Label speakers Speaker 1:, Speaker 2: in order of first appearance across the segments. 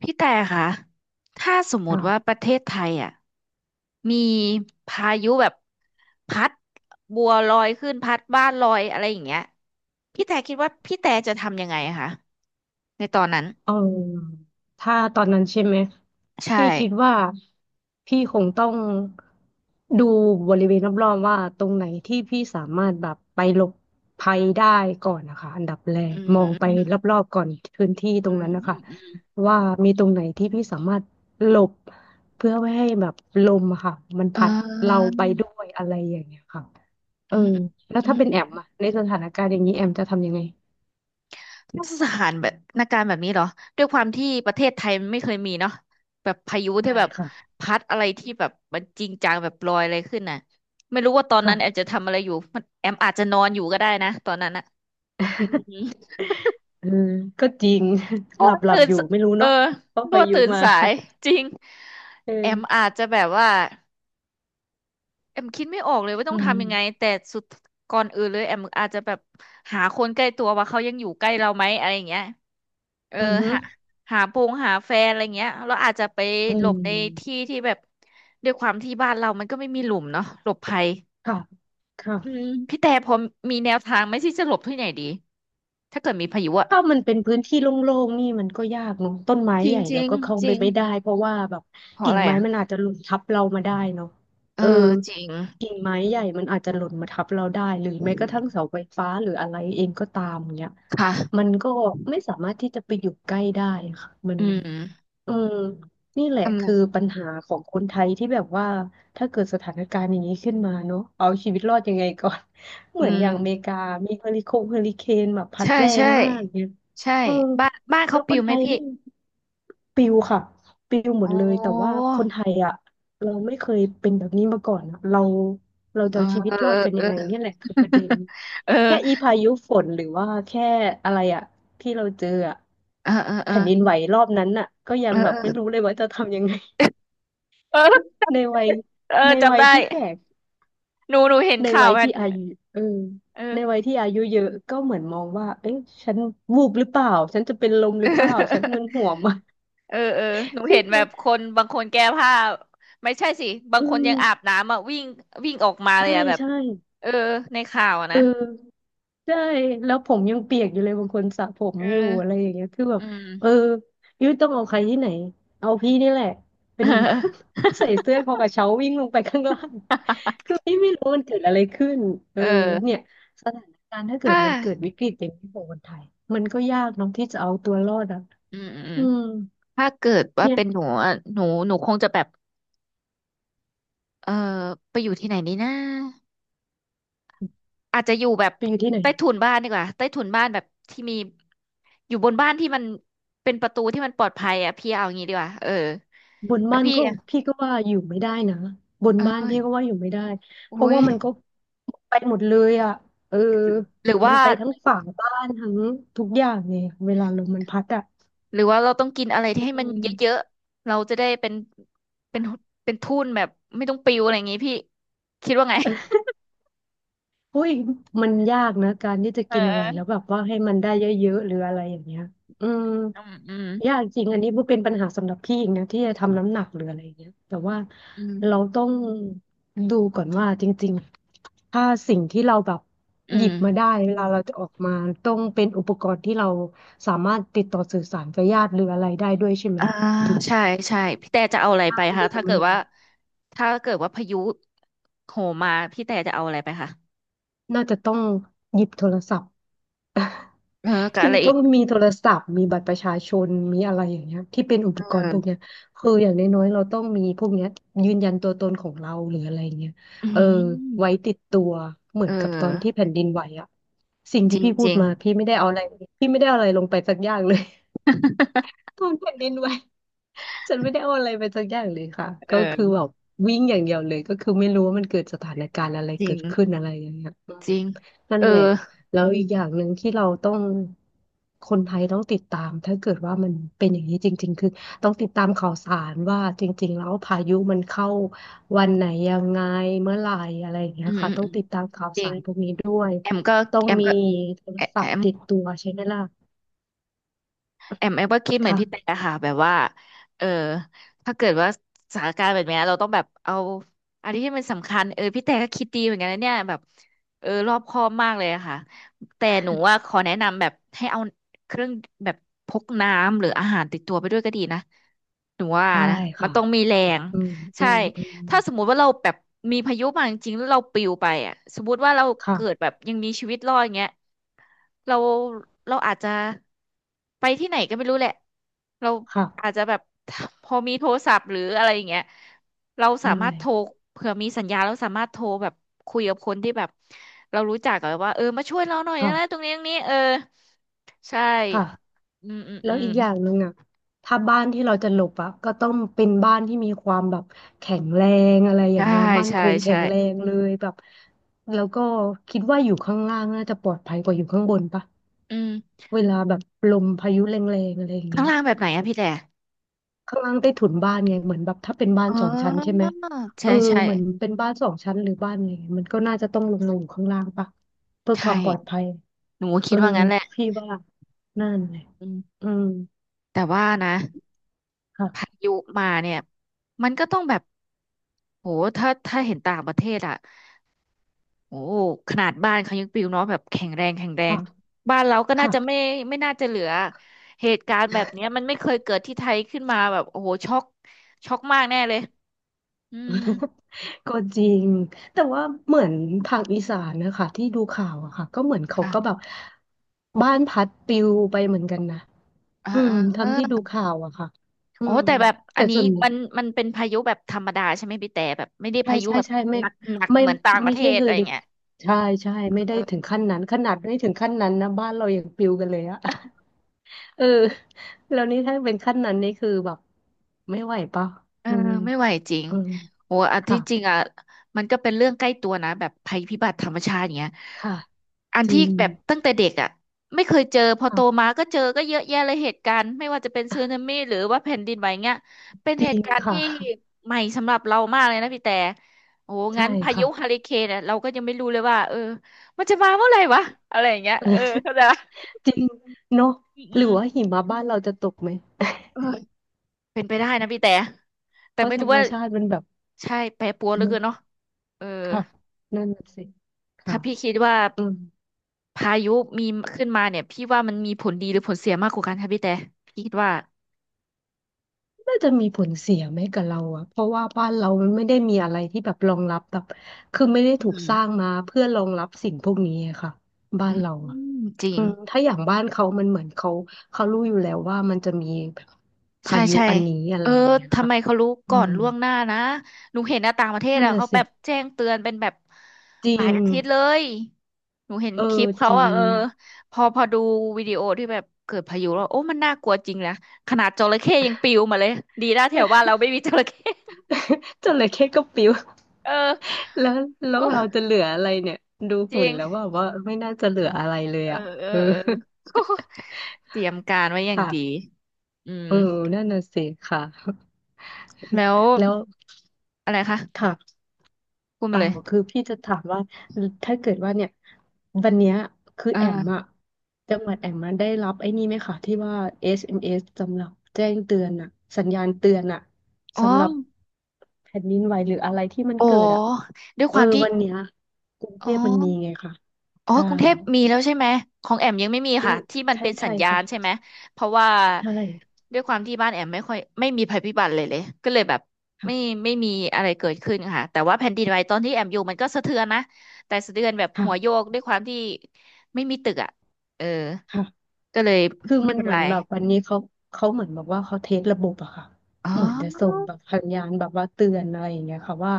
Speaker 1: พี่แต่คะถ้าสมมติว่า
Speaker 2: ค่ะ
Speaker 1: ประเทศไทยอ่ะมีพายุแบบพัดบัวลอยขึ้นพัดบ้านลอยอะไรอย่างเงี้ยพี่แต่คิดว่าพี่แต่จะทำยังไงอะคะในตอนนั้น
Speaker 2: เออถ้าตอนนั้นใช่ไหม
Speaker 1: ใช่
Speaker 2: พี่คิดว่าพี่คงต้องดูบริเวณรอบๆว่าตรงไหนที่พี่สามารถแบบไปหลบภัยได้ก่อนนะคะอันดับแรก
Speaker 1: อื
Speaker 2: มองไป
Speaker 1: ม
Speaker 2: รอบๆก่อนพื้นที่ต
Speaker 1: อื
Speaker 2: รง
Speaker 1: ม
Speaker 2: นั้นนะ
Speaker 1: อื
Speaker 2: คะ
Speaker 1: มอืมอืม
Speaker 2: ว่ามีตรงไหนที่พี่สามารถหลบเพื่อไม่ให้แบบลมอะค่ะมัน
Speaker 1: เ
Speaker 2: พัดเรา
Speaker 1: ออ
Speaker 2: ไปด้วยอะไรอย่างเงี้ยค่ะเอ
Speaker 1: อื
Speaker 2: อ
Speaker 1: มอืม
Speaker 2: แล้ว
Speaker 1: อื
Speaker 2: ถ้าเป็นแอม
Speaker 1: ม
Speaker 2: อะในสถานการณ์อย่างนี้แอมจะทำยังไง
Speaker 1: มาตรฐานแบบนาการแบบนี้เหรอด้วยความที่ประเทศไทยมันไม่เคยมีเนาะแบบพายุที่
Speaker 2: ได้
Speaker 1: แบบ
Speaker 2: ค่ะ
Speaker 1: พัดอะไรที่แบบมันจริงจังแบบลอยอะไรขึ้นน่ะไม่รู้ว่าตอนนั้นแอม
Speaker 2: ค่ะ
Speaker 1: จะทำอะไรอยู่มันแอมอาจจะนอนอยู่ก็ได้นะตอนนั้นอะอืม
Speaker 2: เออก็จริง
Speaker 1: เพ
Speaker 2: ห
Speaker 1: ราะ
Speaker 2: ลับ
Speaker 1: ว่า
Speaker 2: หลับ
Speaker 1: ตื่น
Speaker 2: อยู่
Speaker 1: ส
Speaker 2: ไม่รู้
Speaker 1: เออ
Speaker 2: เนาะเพราะ
Speaker 1: รั่
Speaker 2: พา
Speaker 1: ว
Speaker 2: ยุ
Speaker 1: ตื่น
Speaker 2: มา
Speaker 1: สา ยจริง
Speaker 2: เอ
Speaker 1: แอ
Speaker 2: อ
Speaker 1: มอาจจะแบบว่า แอมคิดไม่ออกเลยว่าต้
Speaker 2: อื
Speaker 1: อง
Speaker 2: ม
Speaker 1: ทำยังไงแต่สุดก่อนอื่นเลยแอมอาจจะแบบหาคนใกล้ตัวว่าเขายังอยู่ใกล้เราไหมอะไรอย่างเงี้ยเออ
Speaker 2: อือฮึ
Speaker 1: หาหาโปรงหาแฟนอะไรเงี้ยเราอาจจะไป
Speaker 2: อื
Speaker 1: หลบในที่
Speaker 2: ม
Speaker 1: ที่แบบด้วยความที่บ้านเรามันก็ไม่มีหลุมเนาะหลบภัย
Speaker 2: ค่ะ
Speaker 1: อืม
Speaker 2: ค่ะ
Speaker 1: พี่แต่พอมีแนวทางไหมที่จะหลบที่ไหนดีถ้าเกิดมีพายุอะ
Speaker 2: ถ้ามันเป็นพื้นที่โล่งๆนี่มันก็ยากเนาะต้นไม้
Speaker 1: จริ
Speaker 2: ให
Speaker 1: ง
Speaker 2: ญ่
Speaker 1: จ
Speaker 2: เรา
Speaker 1: ริง
Speaker 2: ก็เข้า
Speaker 1: จ
Speaker 2: ไป
Speaker 1: ริง
Speaker 2: ไม่ได้เพราะว่าแบบ
Speaker 1: เพราะ
Speaker 2: กิ่
Speaker 1: อะ
Speaker 2: ง
Speaker 1: ไร
Speaker 2: ไม้
Speaker 1: อะ
Speaker 2: มันอาจจะหล่นทับเรามาได้เนาะ
Speaker 1: เอ
Speaker 2: เออ
Speaker 1: อจริง
Speaker 2: กิ่งไม้ใหญ่มันอาจจะหล่นมาทับเราได้หรือแม้กระทั่งเสาไฟฟ้าหรืออะไรเองก็ตามเนี่ย
Speaker 1: ค่ะ
Speaker 2: มันก็ไม่สามารถที่จะไปอยู่ใกล้ได้ค่ะมัน
Speaker 1: อืม
Speaker 2: อืมนี่แหละ
Speaker 1: ทำไง
Speaker 2: คือปัญหาของคนไทยที่แบบว่าถ้าเกิดสถานการณ์อย่างนี้ขึ้นมาเนอะเอาชีวิตรอดยังไงก่อน เห
Speaker 1: อื
Speaker 2: มือน
Speaker 1: ม
Speaker 2: อย่างอเมริกามีเฮอริเคนแบบพัด
Speaker 1: ใช่
Speaker 2: แร
Speaker 1: ใช่
Speaker 2: งมากเนี่ย
Speaker 1: ใช่
Speaker 2: เออ
Speaker 1: บ้าน
Speaker 2: แล้
Speaker 1: เขา
Speaker 2: วค
Speaker 1: ปิว
Speaker 2: น
Speaker 1: ไห
Speaker 2: ไท
Speaker 1: ม
Speaker 2: ย
Speaker 1: พี่
Speaker 2: ไม่ปิวค่ะปิวหม
Speaker 1: โอ
Speaker 2: ดเลยแต่ว่า
Speaker 1: ้
Speaker 2: คนไทยอ่ะเราไม่เคยเป็นแบบนี้มาก่อนอะเราจะ
Speaker 1: เออ
Speaker 2: เอาชีวิตรอดกัน
Speaker 1: เอ
Speaker 2: ยังไง
Speaker 1: อ
Speaker 2: เนี่ยแหละคือประเด็น
Speaker 1: เออ
Speaker 2: แค่อีพายุฝนหรือว่าแค่อะไรอ่ะ ที่เราเจออะ
Speaker 1: เออเออเอ
Speaker 2: แผ่
Speaker 1: อ
Speaker 2: นดิ
Speaker 1: เอ
Speaker 2: น
Speaker 1: อ
Speaker 2: ไหวรอบนั้นอะก็ยั
Speaker 1: เอ
Speaker 2: ง
Speaker 1: อ
Speaker 2: แบบ
Speaker 1: เอ
Speaker 2: ไม่รู้เลยว่าจะทำยังไง
Speaker 1: อเอ อ
Speaker 2: ในวัย
Speaker 1: เออจำได้
Speaker 2: ที่แก่
Speaker 1: หนูเห็น
Speaker 2: ใน
Speaker 1: ข่า
Speaker 2: วั
Speaker 1: ว
Speaker 2: ย
Speaker 1: มัน
Speaker 2: ที่อายุเออ
Speaker 1: เออ
Speaker 2: ในวัยที่อายุเยอะก็เหมือนมองว่าเอ๊ะฉันวูบหรือเปล่าฉันจะเป็นลมหรือเปล่าฉันมึนหัวไหมา
Speaker 1: เออเออ หนู
Speaker 2: ใช่
Speaker 1: เห็น
Speaker 2: ไห
Speaker 1: แบ
Speaker 2: ม
Speaker 1: บคนบางคนแก้ผ้าไม่ใช่สิบาง
Speaker 2: เออ
Speaker 1: คนยังอาบน้ำอ่ะวิ่งวิ่งออกมาเล
Speaker 2: ใช่
Speaker 1: ยอ่ะแบบ
Speaker 2: ใช่
Speaker 1: เออในข่าวอะ
Speaker 2: เออ
Speaker 1: นะ
Speaker 2: ใช่แล้วผมยังเปียกอยู่เลยบางคนสระผม
Speaker 1: เอ
Speaker 2: อยู่
Speaker 1: อ
Speaker 2: อะไรอย่างเงี้ยคือแบ
Speaker 1: อื
Speaker 2: บเออ
Speaker 1: ม
Speaker 2: ยุ้ยต้องเอาใครที่ไหนเอาพี่นี่แหละเป็น ใส่เสื้อคอกระเช้าวิ่งลงไปข้างล่าง คือพี่ไม่รู้มันเกิดอะไรขึ้นเออ
Speaker 1: เอ
Speaker 2: เนี่
Speaker 1: อ
Speaker 2: ยสถานการณ์ถ้าเกิด
Speaker 1: ผ้า
Speaker 2: มันเกิดวิกฤตอย่างนี้ของคนไทยมันก็ยากเน้องที่จะเอาตัวรอดอ่ะ
Speaker 1: อืมอืม
Speaker 2: อืม
Speaker 1: ถ้าเกิดว่า
Speaker 2: เนี่ย
Speaker 1: เป็นหนูอะหนูคงจะแบบเออไปอยู่ที่ไหนนีนะอาจจะอยู่แบบ
Speaker 2: ไปอยู่ที่ไหน
Speaker 1: ใต้ถุนบ้านดีกว่าใต้ถุนบ้านแบบที่มี อยู่บนบ้านที่มัน เป็นประตูที่มันปลอดภัยอ่ะพี่เอาอย่างงี้ดีกว่าเออ
Speaker 2: บน
Speaker 1: แล้ว
Speaker 2: บ้าน
Speaker 1: พี่
Speaker 2: ก็
Speaker 1: อะ
Speaker 2: พี่ก็ว่าอยู่ไม่ได้นะบนบ้านพี่
Speaker 1: เออ
Speaker 2: ก็ว่าอยู่ไม่ได้
Speaker 1: อุ้
Speaker 2: เพราะ
Speaker 1: ย
Speaker 2: ว่ามันก็ไปหมดเลยอ่ะเออ
Speaker 1: หรือ
Speaker 2: มัน
Speaker 1: ว่า
Speaker 2: ไปทั้งฝาบ้านทั้งทุกอย่างไงเวลาลมมันพัดอ่ะ
Speaker 1: หรือว่าเราต้องกินอะไรที่ให้
Speaker 2: อื
Speaker 1: มันเยอะ
Speaker 2: ม
Speaker 1: ๆเราจะได้เป็น เป็นเป็นทุ่นแบบไม่ต้องปิวอะไรอย่างงี้พี่ คิดว่าไง
Speaker 2: อุ้ยมันยากนะการที่จะ
Speaker 1: เ
Speaker 2: กินอะไรแล้ว
Speaker 1: ออ
Speaker 2: แบบว่าให้มันได้เยอะๆหรืออะไรอย่างเงี้ยอืม
Speaker 1: อืมอืม
Speaker 2: ยากจริงอันนี้มันเป็นปัญหาสำหรับพี่เองนะที่จะทำน้ำหนักหรืออะไรอย่างเงี้ยแต่ว่า
Speaker 1: อืม
Speaker 2: เราต้องดูก่อนว่าจริงๆถ้าสิ่งที่เราแบบ
Speaker 1: อื
Speaker 2: หยิ
Speaker 1: ม
Speaker 2: บมาได้เวลาเราจะออกมาต้องเป็นอุปกรณ์ที่เราสามารถติดต่อสื่อสารกับญาติหรืออะไรได้ด้วยใช่ไหม
Speaker 1: อ่า
Speaker 2: ถึง
Speaker 1: ใช่ใช่พี่แต่จะเอาอะไร
Speaker 2: ห้า
Speaker 1: ไป
Speaker 2: ม
Speaker 1: คะ
Speaker 2: ลืม
Speaker 1: ถ้าเกิ
Speaker 2: อะไร
Speaker 1: ด
Speaker 2: อย่าง
Speaker 1: ว่าถ้าเกิดว่าพายุโหมมาพี่แต่จะเอาอะไรไปคะ
Speaker 2: น่าจะต้องหยิบโทรศัพท์
Speaker 1: เออกับ
Speaker 2: คือ
Speaker 1: อะไรอี
Speaker 2: ต้อ
Speaker 1: ก
Speaker 2: งมีโทรศัพท์มีบัตรประชาชนมีอะไรอย่างเงี้ยที่เป็นอุปก
Speaker 1: เออ
Speaker 2: รณ์พวกเนี้ยคืออย่างน้อยๆเราต้องมีพวกเนี้ยยืนยันตัวตนของเราหรืออะไรเงี้ย
Speaker 1: อื
Speaker 2: เออไว้
Speaker 1: ม
Speaker 2: ติดตัวเหมื
Speaker 1: เอ
Speaker 2: อนกับตอนที่
Speaker 1: อ
Speaker 2: แผ่นดินไหวอะสิ่ง
Speaker 1: จ
Speaker 2: ที่
Speaker 1: ริง
Speaker 2: พี่
Speaker 1: จ
Speaker 2: พูด
Speaker 1: ริง
Speaker 2: มาพี่ไม่ได้เอาอะไรพี่ไม่ได้เอาอะไรลงไปสักอย่างเลย ตอนแผ่นดินไหว ฉันไม่ได้เอาอะไรไปสักอย่างเลยค่ะ
Speaker 1: เอ
Speaker 2: ก็คือแบบ
Speaker 1: อ
Speaker 2: วิ่งอย่างเดียวเลยก็คือไม่รู้ว่ามันเกิดสถานการณ์อะไร
Speaker 1: จริ
Speaker 2: เกิ
Speaker 1: ง
Speaker 2: ดขึ้นอะไรอย่างเงี้ยอืม
Speaker 1: จริง
Speaker 2: นั่น
Speaker 1: เอ
Speaker 2: แหละ
Speaker 1: อ
Speaker 2: แล้วอีกอย่างหนึ่งที่เราต้องคนไทยต้องติดตามถ้าเกิดว่ามันเป็นอย่างนี้จริงๆคือต้องติดตามข่าวสารว่าจริงๆแล้วพายุมันเข้าวันไหนยังไงเมื่อไหร่อะไรอย่างเงี้
Speaker 1: อื
Speaker 2: ย
Speaker 1: ม
Speaker 2: ค่ะ
Speaker 1: อืม
Speaker 2: ต้อ
Speaker 1: อื
Speaker 2: ง
Speaker 1: ม
Speaker 2: ติดตามข่าว
Speaker 1: จริ
Speaker 2: สา
Speaker 1: ง
Speaker 2: รพวกนี้ด้วย
Speaker 1: แอมก็
Speaker 2: ต้อง
Speaker 1: แอม
Speaker 2: มี
Speaker 1: ก็
Speaker 2: โทร
Speaker 1: แอ
Speaker 2: ศั
Speaker 1: แอ
Speaker 2: พท์
Speaker 1: ม
Speaker 2: ติดตัวใช่ไหมล่ะ
Speaker 1: แอมแอมก็คิดเหมือนพี่แต่
Speaker 2: ค่ะ
Speaker 1: ค่ะแบบว่าเออถ้าเกิดว่าสถานการณ์แบบเนี้ยเราต้องแบบเอาอันนี้ที่มันสำคัญเออพี่แต่ก็คิดดีเหมือนกันนะเนี่ยแบบเออรอบคอบมากเลยอะค่ะแต่หนูว่าขอแนะนำแบบให้เอาเครื่องแบบพกน้ำหรืออาหารติดตัวไปด้วยก็ดีนะหนูว่า
Speaker 2: ใช่
Speaker 1: นะมัน
Speaker 2: ค่ะ
Speaker 1: ต้องมีแรง
Speaker 2: อืมอื
Speaker 1: ใช่
Speaker 2: มอืม
Speaker 1: ถ้าสมมุติว่าเราแบบมีพายุมาจริงๆแล้วเราปลิวไปอ่ะสมมุติว่าเราเกิดแบ
Speaker 2: ค่ะ
Speaker 1: บยังมีชีวิตรอดอย่างเงี้ย เราเราอาจจะไปที่ไหนก็ไม่รู้แหละเราอาจ
Speaker 2: ค่ะ
Speaker 1: จะแบบ พอมีโทรศัพท์หรืออะไรอย่างเงี้ยเราสา
Speaker 2: ใช่
Speaker 1: มารถโทรเผื่อมีสัญญาณเราสามารถโทรแบบคุยกับคนที่แบบเรารู้จักอะว่าเออมาช่วยเราหน่อยนะตร
Speaker 2: ค่ะ
Speaker 1: งนี้ตรงนี้เออใช่
Speaker 2: ค่ะ
Speaker 1: อืมอืม
Speaker 2: แล้
Speaker 1: อื
Speaker 2: ว
Speaker 1: ม
Speaker 2: อีกอย่างหนึ่งอ่ะถ้าบ้านที่เราจะหลบอ่ะก็ต้องเป็นบ้านที่มีความแบบแข็งแรงอะไรอย่า
Speaker 1: ใช่
Speaker 2: งเงี้ยมั่นค
Speaker 1: ใช่
Speaker 2: งแข็
Speaker 1: ใช่
Speaker 2: งแรงเลยแบบแล้วก็คิดว่าอยู่ข้างล่างน่าจะปลอดภัยกว่าอยู่ข้างบนปะ
Speaker 1: อืม
Speaker 2: เวลาแบบลมพายุแรงๆอะไรอย่าง
Speaker 1: ข้า
Speaker 2: เงี้
Speaker 1: ง
Speaker 2: ย
Speaker 1: ล่างแบบไหนอะพี่แต่
Speaker 2: ข้างล่างใต้ถุนบ้านไงเหมือนแบบถ้าเป็นบ้าน
Speaker 1: อ๋อ
Speaker 2: สองชั้นใช่ไหมเอ
Speaker 1: ใช่
Speaker 2: อ
Speaker 1: ใช่
Speaker 2: เหมือนเป็นบ้านสองชั้นหรือบ้านอะไรเงี้ยมันก็น่าจะต้องลงมาอยู่ข้างล่างปะเพื่อค
Speaker 1: ใช่
Speaker 2: วามปลอดภัย
Speaker 1: หนูก็
Speaker 2: เอ
Speaker 1: คิด
Speaker 2: อ
Speaker 1: ว่างั้นแหละ
Speaker 2: พี่ว่านั่นเลย
Speaker 1: อืม
Speaker 2: อืม
Speaker 1: แต่ว่านะ
Speaker 2: ค่ะ
Speaker 1: พายุมาเนี่ยมันก็ต้องแบบโหถ้าเห็นต่างประเทศอ่ะโอ้ขนาดบ้านเขายังปลิวเนาะแบบแข็งแรงแข็งแร
Speaker 2: ค่ะ
Speaker 1: งบ้านเราก็น่า
Speaker 2: ค่ะ
Speaker 1: จะไม่ไม่น่าจะเหลือเหตุการณ์แบบเนี้ยมันไม่เคยเกิดที่ไทยขึ้นมาแบบโอ้โหช็อกมากแน่เลยอืม
Speaker 2: ก็จริงแต่ว่าเหมือนทางอีสานนะคะที่ดูข่าวอะค่ะก็เหมือนเขาก็แบ
Speaker 1: ค่ะ
Speaker 2: บบ้านพัดปลิวไปเหมือนกันนะ
Speaker 1: เออ
Speaker 2: อื
Speaker 1: เอ
Speaker 2: ม
Speaker 1: อเอ
Speaker 2: ทำที่ดู
Speaker 1: อ
Speaker 2: ข่าวอะค่ะอื
Speaker 1: โอ้
Speaker 2: ม
Speaker 1: แต่แบบอั
Speaker 2: แต่
Speaker 1: นนี้
Speaker 2: ส่วน
Speaker 1: มันเป็นพายุแบบธรรมดาใช่ไหมพี่แต่แบบไม่ได้
Speaker 2: ใช่
Speaker 1: พายุ
Speaker 2: ใช่
Speaker 1: แบบ
Speaker 2: ใช่ไม่
Speaker 1: หนักหนัก
Speaker 2: ไม่
Speaker 1: เหมือนต่างป
Speaker 2: ไม่
Speaker 1: ระเท
Speaker 2: ใช่
Speaker 1: ศ
Speaker 2: เฮอ
Speaker 1: อะไร
Speaker 2: ริเค
Speaker 1: เงี้ย
Speaker 2: นใช่ใช่
Speaker 1: เ
Speaker 2: ไม่ได้ถึง
Speaker 1: ออ
Speaker 2: ขั้นนั้นขนาดไม่ถึงขั้นนั้นนะบ้านเรายังปลิวกันเลยอะ เออแล้วนี่ถ้าเป็นขั้นนั้นนี่คือแบบไม่ไหวป่ะ
Speaker 1: เออ
Speaker 2: อืม
Speaker 1: ไม่ไหวจริง
Speaker 2: อืม
Speaker 1: โอ้อัน
Speaker 2: ค่ะ
Speaker 1: ที่จริงอ่ะมันก็เป็นเรื่องใกล้ตัวนะแบบภัยพิบัติธรรมชาติอย่างเงี้ย
Speaker 2: ค่ะ
Speaker 1: อัน
Speaker 2: จ
Speaker 1: ที่
Speaker 2: ริง
Speaker 1: แบบตั้งแต่เด็กอ่ะไม่เคยเจอพอโตมา
Speaker 2: ค่ะ
Speaker 1: ก็เจอก็เยอะแยะเลยเหตุการณ์ไม่ว่าจะเป็นสึนามิหรือว่าแผ่นดินไหวเงี้ยเป็น
Speaker 2: จ
Speaker 1: เห
Speaker 2: ริ
Speaker 1: ตุ
Speaker 2: ง
Speaker 1: การณ์
Speaker 2: ค่ะ
Speaker 1: ที่ใหม่สำหรับเรามากเลยนะพี่แต่โอ้
Speaker 2: ใช่
Speaker 1: งั้นพายุ
Speaker 2: ค่ะ
Speaker 1: ฮาริเคนเนี่ยเราก็ยังไม่รู้เลยว่าเออมันจะมาเมื่อไหร่วะอะไรอย่างเงี้ยเออเข้า
Speaker 2: เออ
Speaker 1: ใจปะ
Speaker 2: จริงเนาะ
Speaker 1: อืม
Speaker 2: ห
Speaker 1: อื
Speaker 2: รือ
Speaker 1: ม
Speaker 2: ว่าหิมะบ้านเราจะตกไหม
Speaker 1: เออเป็นไปได้นะพี่แต่แต่
Speaker 2: เพราะ
Speaker 1: ไม่
Speaker 2: ธร
Speaker 1: รู้
Speaker 2: รม
Speaker 1: ว่า
Speaker 2: ชาติมันแบบ
Speaker 1: ใช่ แปรปรวนเหลือ
Speaker 2: นั้
Speaker 1: เกิ
Speaker 2: น
Speaker 1: นเนาะเออ
Speaker 2: ค่ะนั่นน่ะสิค่ะ
Speaker 1: ถ้าพี่คิดว่า
Speaker 2: อืม
Speaker 1: พายุมีขึ้นมาเนี่ย พี่ว่ามันมีผลดีหรือผลเสียมากกว่ากันคะพี่แต่พี่คิดว่า
Speaker 2: น่าจะมีผลเสียไหมกับเราอะเพราะว่าบ้านเรามันไม่ได้มีอะไรที่แบบรองรับแบบคือไม่ได้ถู
Speaker 1: อื
Speaker 2: กสร้าง
Speaker 1: ม
Speaker 2: มาเพื่อรองรับสิ่งพวกนี้อะค่ะบ้า
Speaker 1: อื
Speaker 2: น
Speaker 1: ม
Speaker 2: เรา
Speaker 1: อื
Speaker 2: อะ
Speaker 1: มจริ
Speaker 2: อื
Speaker 1: ง
Speaker 2: มถ้าอย่างบ้านเขามันเหมือนเขาเขารู้อยู่แล้วว่ามันจะมีแบบพา
Speaker 1: ใช่
Speaker 2: ยุ
Speaker 1: ใช่
Speaker 2: อันนี้อะ
Speaker 1: เอ
Speaker 2: ไร
Speaker 1: อ
Speaker 2: อย่างเงี้ย
Speaker 1: ทำ
Speaker 2: ค่ะ
Speaker 1: ไมเขารู้
Speaker 2: อื
Speaker 1: ก่อน
Speaker 2: ม
Speaker 1: ล่วงหน้านะ หนูเห็นนะต่างประเทศ
Speaker 2: นั่น
Speaker 1: อ่ะ
Speaker 2: น่ะ
Speaker 1: เขาแบ
Speaker 2: สิ
Speaker 1: บแจ้งเตือนเป็นแบบ
Speaker 2: จ
Speaker 1: ห
Speaker 2: ริ
Speaker 1: ลาย
Speaker 2: ง
Speaker 1: อาทิตย์เลย หนูเห็น
Speaker 2: เอ
Speaker 1: คลิ
Speaker 2: อ
Speaker 1: ปเขา
Speaker 2: จริ
Speaker 1: อ่ะ
Speaker 2: ง
Speaker 1: เออพอดูวิดีโอที่แบบเกิดพายุแล้วโอ้มันน่ากลัวจริงนะขนาดจระเข้ยังปลิวมาเลยดีนะแถวบ้านเราไม่มีจระเข้
Speaker 2: จระเข้ก็ปิว
Speaker 1: เออ
Speaker 2: แล้วแล้วเราจะเหลืออะไรเนี่ยดู
Speaker 1: จ
Speaker 2: หุ่
Speaker 1: ริ
Speaker 2: น
Speaker 1: ง
Speaker 2: แล้วว่าไม่น่าจะเหลืออะไรเลย
Speaker 1: เอ
Speaker 2: อ่ะ
Speaker 1: อเอ
Speaker 2: เออ
Speaker 1: อเออ เตรียมการไว้อ ย่างดี
Speaker 2: ค่ะ
Speaker 1: อืม
Speaker 2: เออนั่นน่ะสิค่ะ
Speaker 1: แล้ว
Speaker 2: แล้ว
Speaker 1: อะไรคะ
Speaker 2: ค่ะ
Speaker 1: พูด
Speaker 2: เป
Speaker 1: มา
Speaker 2: ล่า
Speaker 1: เลย
Speaker 2: คือพี่จะถามว่าถ้าเกิดว่าเนี่ยวันเนี้ยคือแอม
Speaker 1: เอ
Speaker 2: อะจังหวัดแอมมาได้รับไอ้นี่ไหมคะที่ว่า SMS สเอ็มเอสสำหรับแจ้งเตือนอะสัญญาณเตือนอะ
Speaker 1: ออ๋อ
Speaker 2: สำหรับแผ่นดินไหวหรืออะไรที่มัน
Speaker 1: โอ้
Speaker 2: เกิดอะ
Speaker 1: ด้วย
Speaker 2: เอ
Speaker 1: ค
Speaker 2: อ
Speaker 1: วามที่
Speaker 2: วันเนี้ยกรุง
Speaker 1: อ๋
Speaker 2: เท
Speaker 1: อ
Speaker 2: พมันมีไงค่ะ
Speaker 1: อ๋อ
Speaker 2: ใช่
Speaker 1: กรุงเทพมีแล้วใช่ไหม ของแอมยังไม่มี
Speaker 2: กรุง
Speaker 1: ค่ะที่มัน
Speaker 2: ใช่
Speaker 1: เป็นสั
Speaker 2: ใช่
Speaker 1: ญญาณใช่ไหม
Speaker 2: ค่ะ
Speaker 1: เพราะว่า
Speaker 2: ใช่
Speaker 1: ด้วยความที่บ้านแอมไม่ค่อยไม่มีภัยพิบัติเลยเลยก็เลยแบบไม่
Speaker 2: ค่ะ
Speaker 1: ไม่มีอะไรเกิดขึ้นค่ะแต่ว่าแผ่นดินไหวตอนที่แอมอยู่มันก็สะเทือนนะแต่สะเทือนแบบหัวโย
Speaker 2: ค่ะ
Speaker 1: กด้วยความที่ไม่มีตึกอ่ะเออ
Speaker 2: ค่ะ
Speaker 1: ก็เลย
Speaker 2: คือ
Speaker 1: ไม่
Speaker 2: มัน
Speaker 1: เป็น
Speaker 2: เหมื
Speaker 1: ไร
Speaker 2: อนแบบวันนี้เขาเขาเหมือนแบบว่าเขาเทสระบบอะค่ะ
Speaker 1: อ๋
Speaker 2: เหมือนจะส่ง
Speaker 1: อ
Speaker 2: แบบสัญญาณแบบว่าเตือนอะไรอย่างเงี้ยค่ะว่า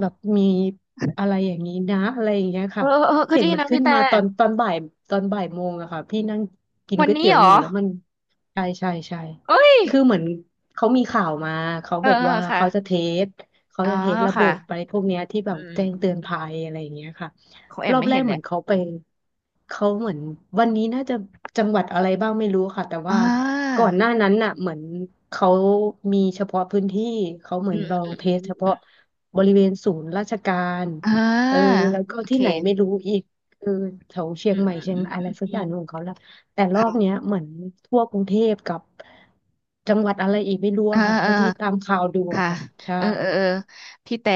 Speaker 2: แบบมีอะไรอย่างนี้นะอะไรอย่างเงี้ย
Speaker 1: เออ
Speaker 2: ค่ะ
Speaker 1: เออเออก็
Speaker 2: เห็น
Speaker 1: ดี
Speaker 2: มัน
Speaker 1: นะ
Speaker 2: ขึ้
Speaker 1: พี่
Speaker 2: น
Speaker 1: แต่
Speaker 2: มาตอนบ่ายตอนบ่ายโมงอะค่ะพี่นั่งกิน
Speaker 1: วัน
Speaker 2: ก๋วย
Speaker 1: นี้
Speaker 2: เตี๋ย
Speaker 1: เห
Speaker 2: ว
Speaker 1: ร
Speaker 2: อ
Speaker 1: อ
Speaker 2: ยู่แล้วมันใช่ใช่ใช่
Speaker 1: เอ้ย
Speaker 2: คือเหมือนเขามีข่าวมาเขา
Speaker 1: เออ
Speaker 2: บอก
Speaker 1: เออ
Speaker 2: ว่า
Speaker 1: ค่ะ
Speaker 2: เขาจะเทส
Speaker 1: อ๋อ
Speaker 2: ระบ
Speaker 1: ค่ะ
Speaker 2: บไปพวกเนี้ยที่แบ
Speaker 1: อื
Speaker 2: บแจ้งเตือน
Speaker 1: ม
Speaker 2: ภัยอะไรอย่างเงี้ยค่ะ
Speaker 1: ของแอ
Speaker 2: ร
Speaker 1: ม
Speaker 2: อบ
Speaker 1: ไม่
Speaker 2: แร
Speaker 1: เห็
Speaker 2: ก
Speaker 1: น
Speaker 2: เห
Speaker 1: เล
Speaker 2: มือ
Speaker 1: ย
Speaker 2: นเขาไปเขาเหมือนวันนี้น่าจะจังหวัดอะไรบ้างไม่รู้ค่ะแต่
Speaker 1: อ่
Speaker 2: ว่า
Speaker 1: า
Speaker 2: ก่อนหน้านั้นน่ะเหมือนเขามีเฉพาะพื้นที่เขาเหมื
Speaker 1: อื
Speaker 2: อน
Speaker 1: ม
Speaker 2: ลอ
Speaker 1: อื
Speaker 2: ง
Speaker 1: ม
Speaker 2: เท
Speaker 1: อืม
Speaker 2: สเฉ
Speaker 1: อ
Speaker 2: พาะ
Speaker 1: ม
Speaker 2: บริเวณศูนย์ราชการ
Speaker 1: อ่
Speaker 2: เออ
Speaker 1: า
Speaker 2: แล้วก็
Speaker 1: โอ
Speaker 2: ที่ไหนไม่
Speaker 1: เค
Speaker 2: รู้อีกเออแถวเชีย
Speaker 1: อื
Speaker 2: ง
Speaker 1: ม
Speaker 2: ใหม่
Speaker 1: อืม
Speaker 2: เชียง
Speaker 1: อืม
Speaker 2: อะ
Speaker 1: อื
Speaker 2: ไร
Speaker 1: ม
Speaker 2: สัก
Speaker 1: อื
Speaker 2: อ
Speaker 1: ม
Speaker 2: ย่างหนึ่งของเขาละแต่รอบ
Speaker 1: ค่ะ
Speaker 2: เนี้ยเหมือนทั่วกรุงเทพกับจังหวัดอะไรอีกไม่รู้
Speaker 1: อ่า
Speaker 2: อะค่ะเท่า
Speaker 1: อ่า
Speaker 2: ที่ตามข่าวดูอะ
Speaker 1: ค่ะ
Speaker 2: ค่ะใช่
Speaker 1: เออเออ เออ พี่แต่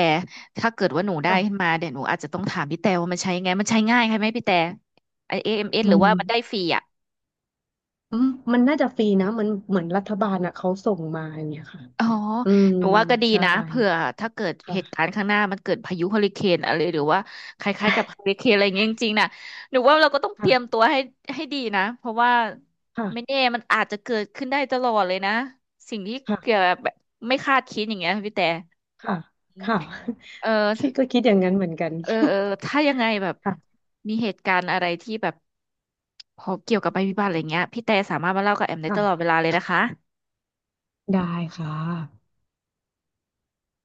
Speaker 1: ถ้าเกิดว่าหนูได้ขึ้น
Speaker 2: ค่ะ
Speaker 1: มาเดี๋ยวหนูอาจจะต้องถามพี่แต่ว่ามันใช้ยังไง มันใช้ง่ายใช่ไหมพี่แต่ไอเอ็มเอสห
Speaker 2: มั
Speaker 1: รือ
Speaker 2: น
Speaker 1: ว่ามันได้ฟรีอ่ะ
Speaker 2: อืมมันน่าจะฟรีนะมันเหมือนรัฐบาลอ่ะเขาส่งมาอย่างเงี้ยค่ะ
Speaker 1: อ๋อ
Speaker 2: อืม
Speaker 1: หนูว่าก็ดี
Speaker 2: ใช่
Speaker 1: นะเผื่อถ้าเกิดเหตุการ
Speaker 2: ค่ะ
Speaker 1: ณ์ข้างหน้ามันเกิดพายุเฮอริเคนอะไรหรือว่าคล้ายๆกับเฮอริเคนอะไรอย่างเงี้ยจริงๆนะหนูว่าเราก็ต้องเตรียมตั
Speaker 2: ค่ะ
Speaker 1: วให้ให้ดีนะเพราะว่าไม่
Speaker 2: ค่ะ
Speaker 1: แน่มันอาจจะเกิดขึ้นได้ตลอดเลยนะสิ่งที่เกี่ยว
Speaker 2: ค่ะ
Speaker 1: กับแบบไม่คาดคิดอย่างเงี้ยพี่แต่
Speaker 2: ค่ะ
Speaker 1: อืม
Speaker 2: ค่ะ
Speaker 1: เออ
Speaker 2: พี่ก็คิดอย่างนั้นเหมือนกัน
Speaker 1: เออเออถ้ายังไงแบบ
Speaker 2: ค่ะ
Speaker 1: มีเหตุการณ์อะไรที่แบบพอเกี่ยวกับภัยพิบัติอะไรเงี้ยพี่แต่สามารถมาเล่ากับแอมได้ตลอดเว
Speaker 2: ค่ะ
Speaker 1: ลาเลยนะคะ
Speaker 2: ได้ค่ะ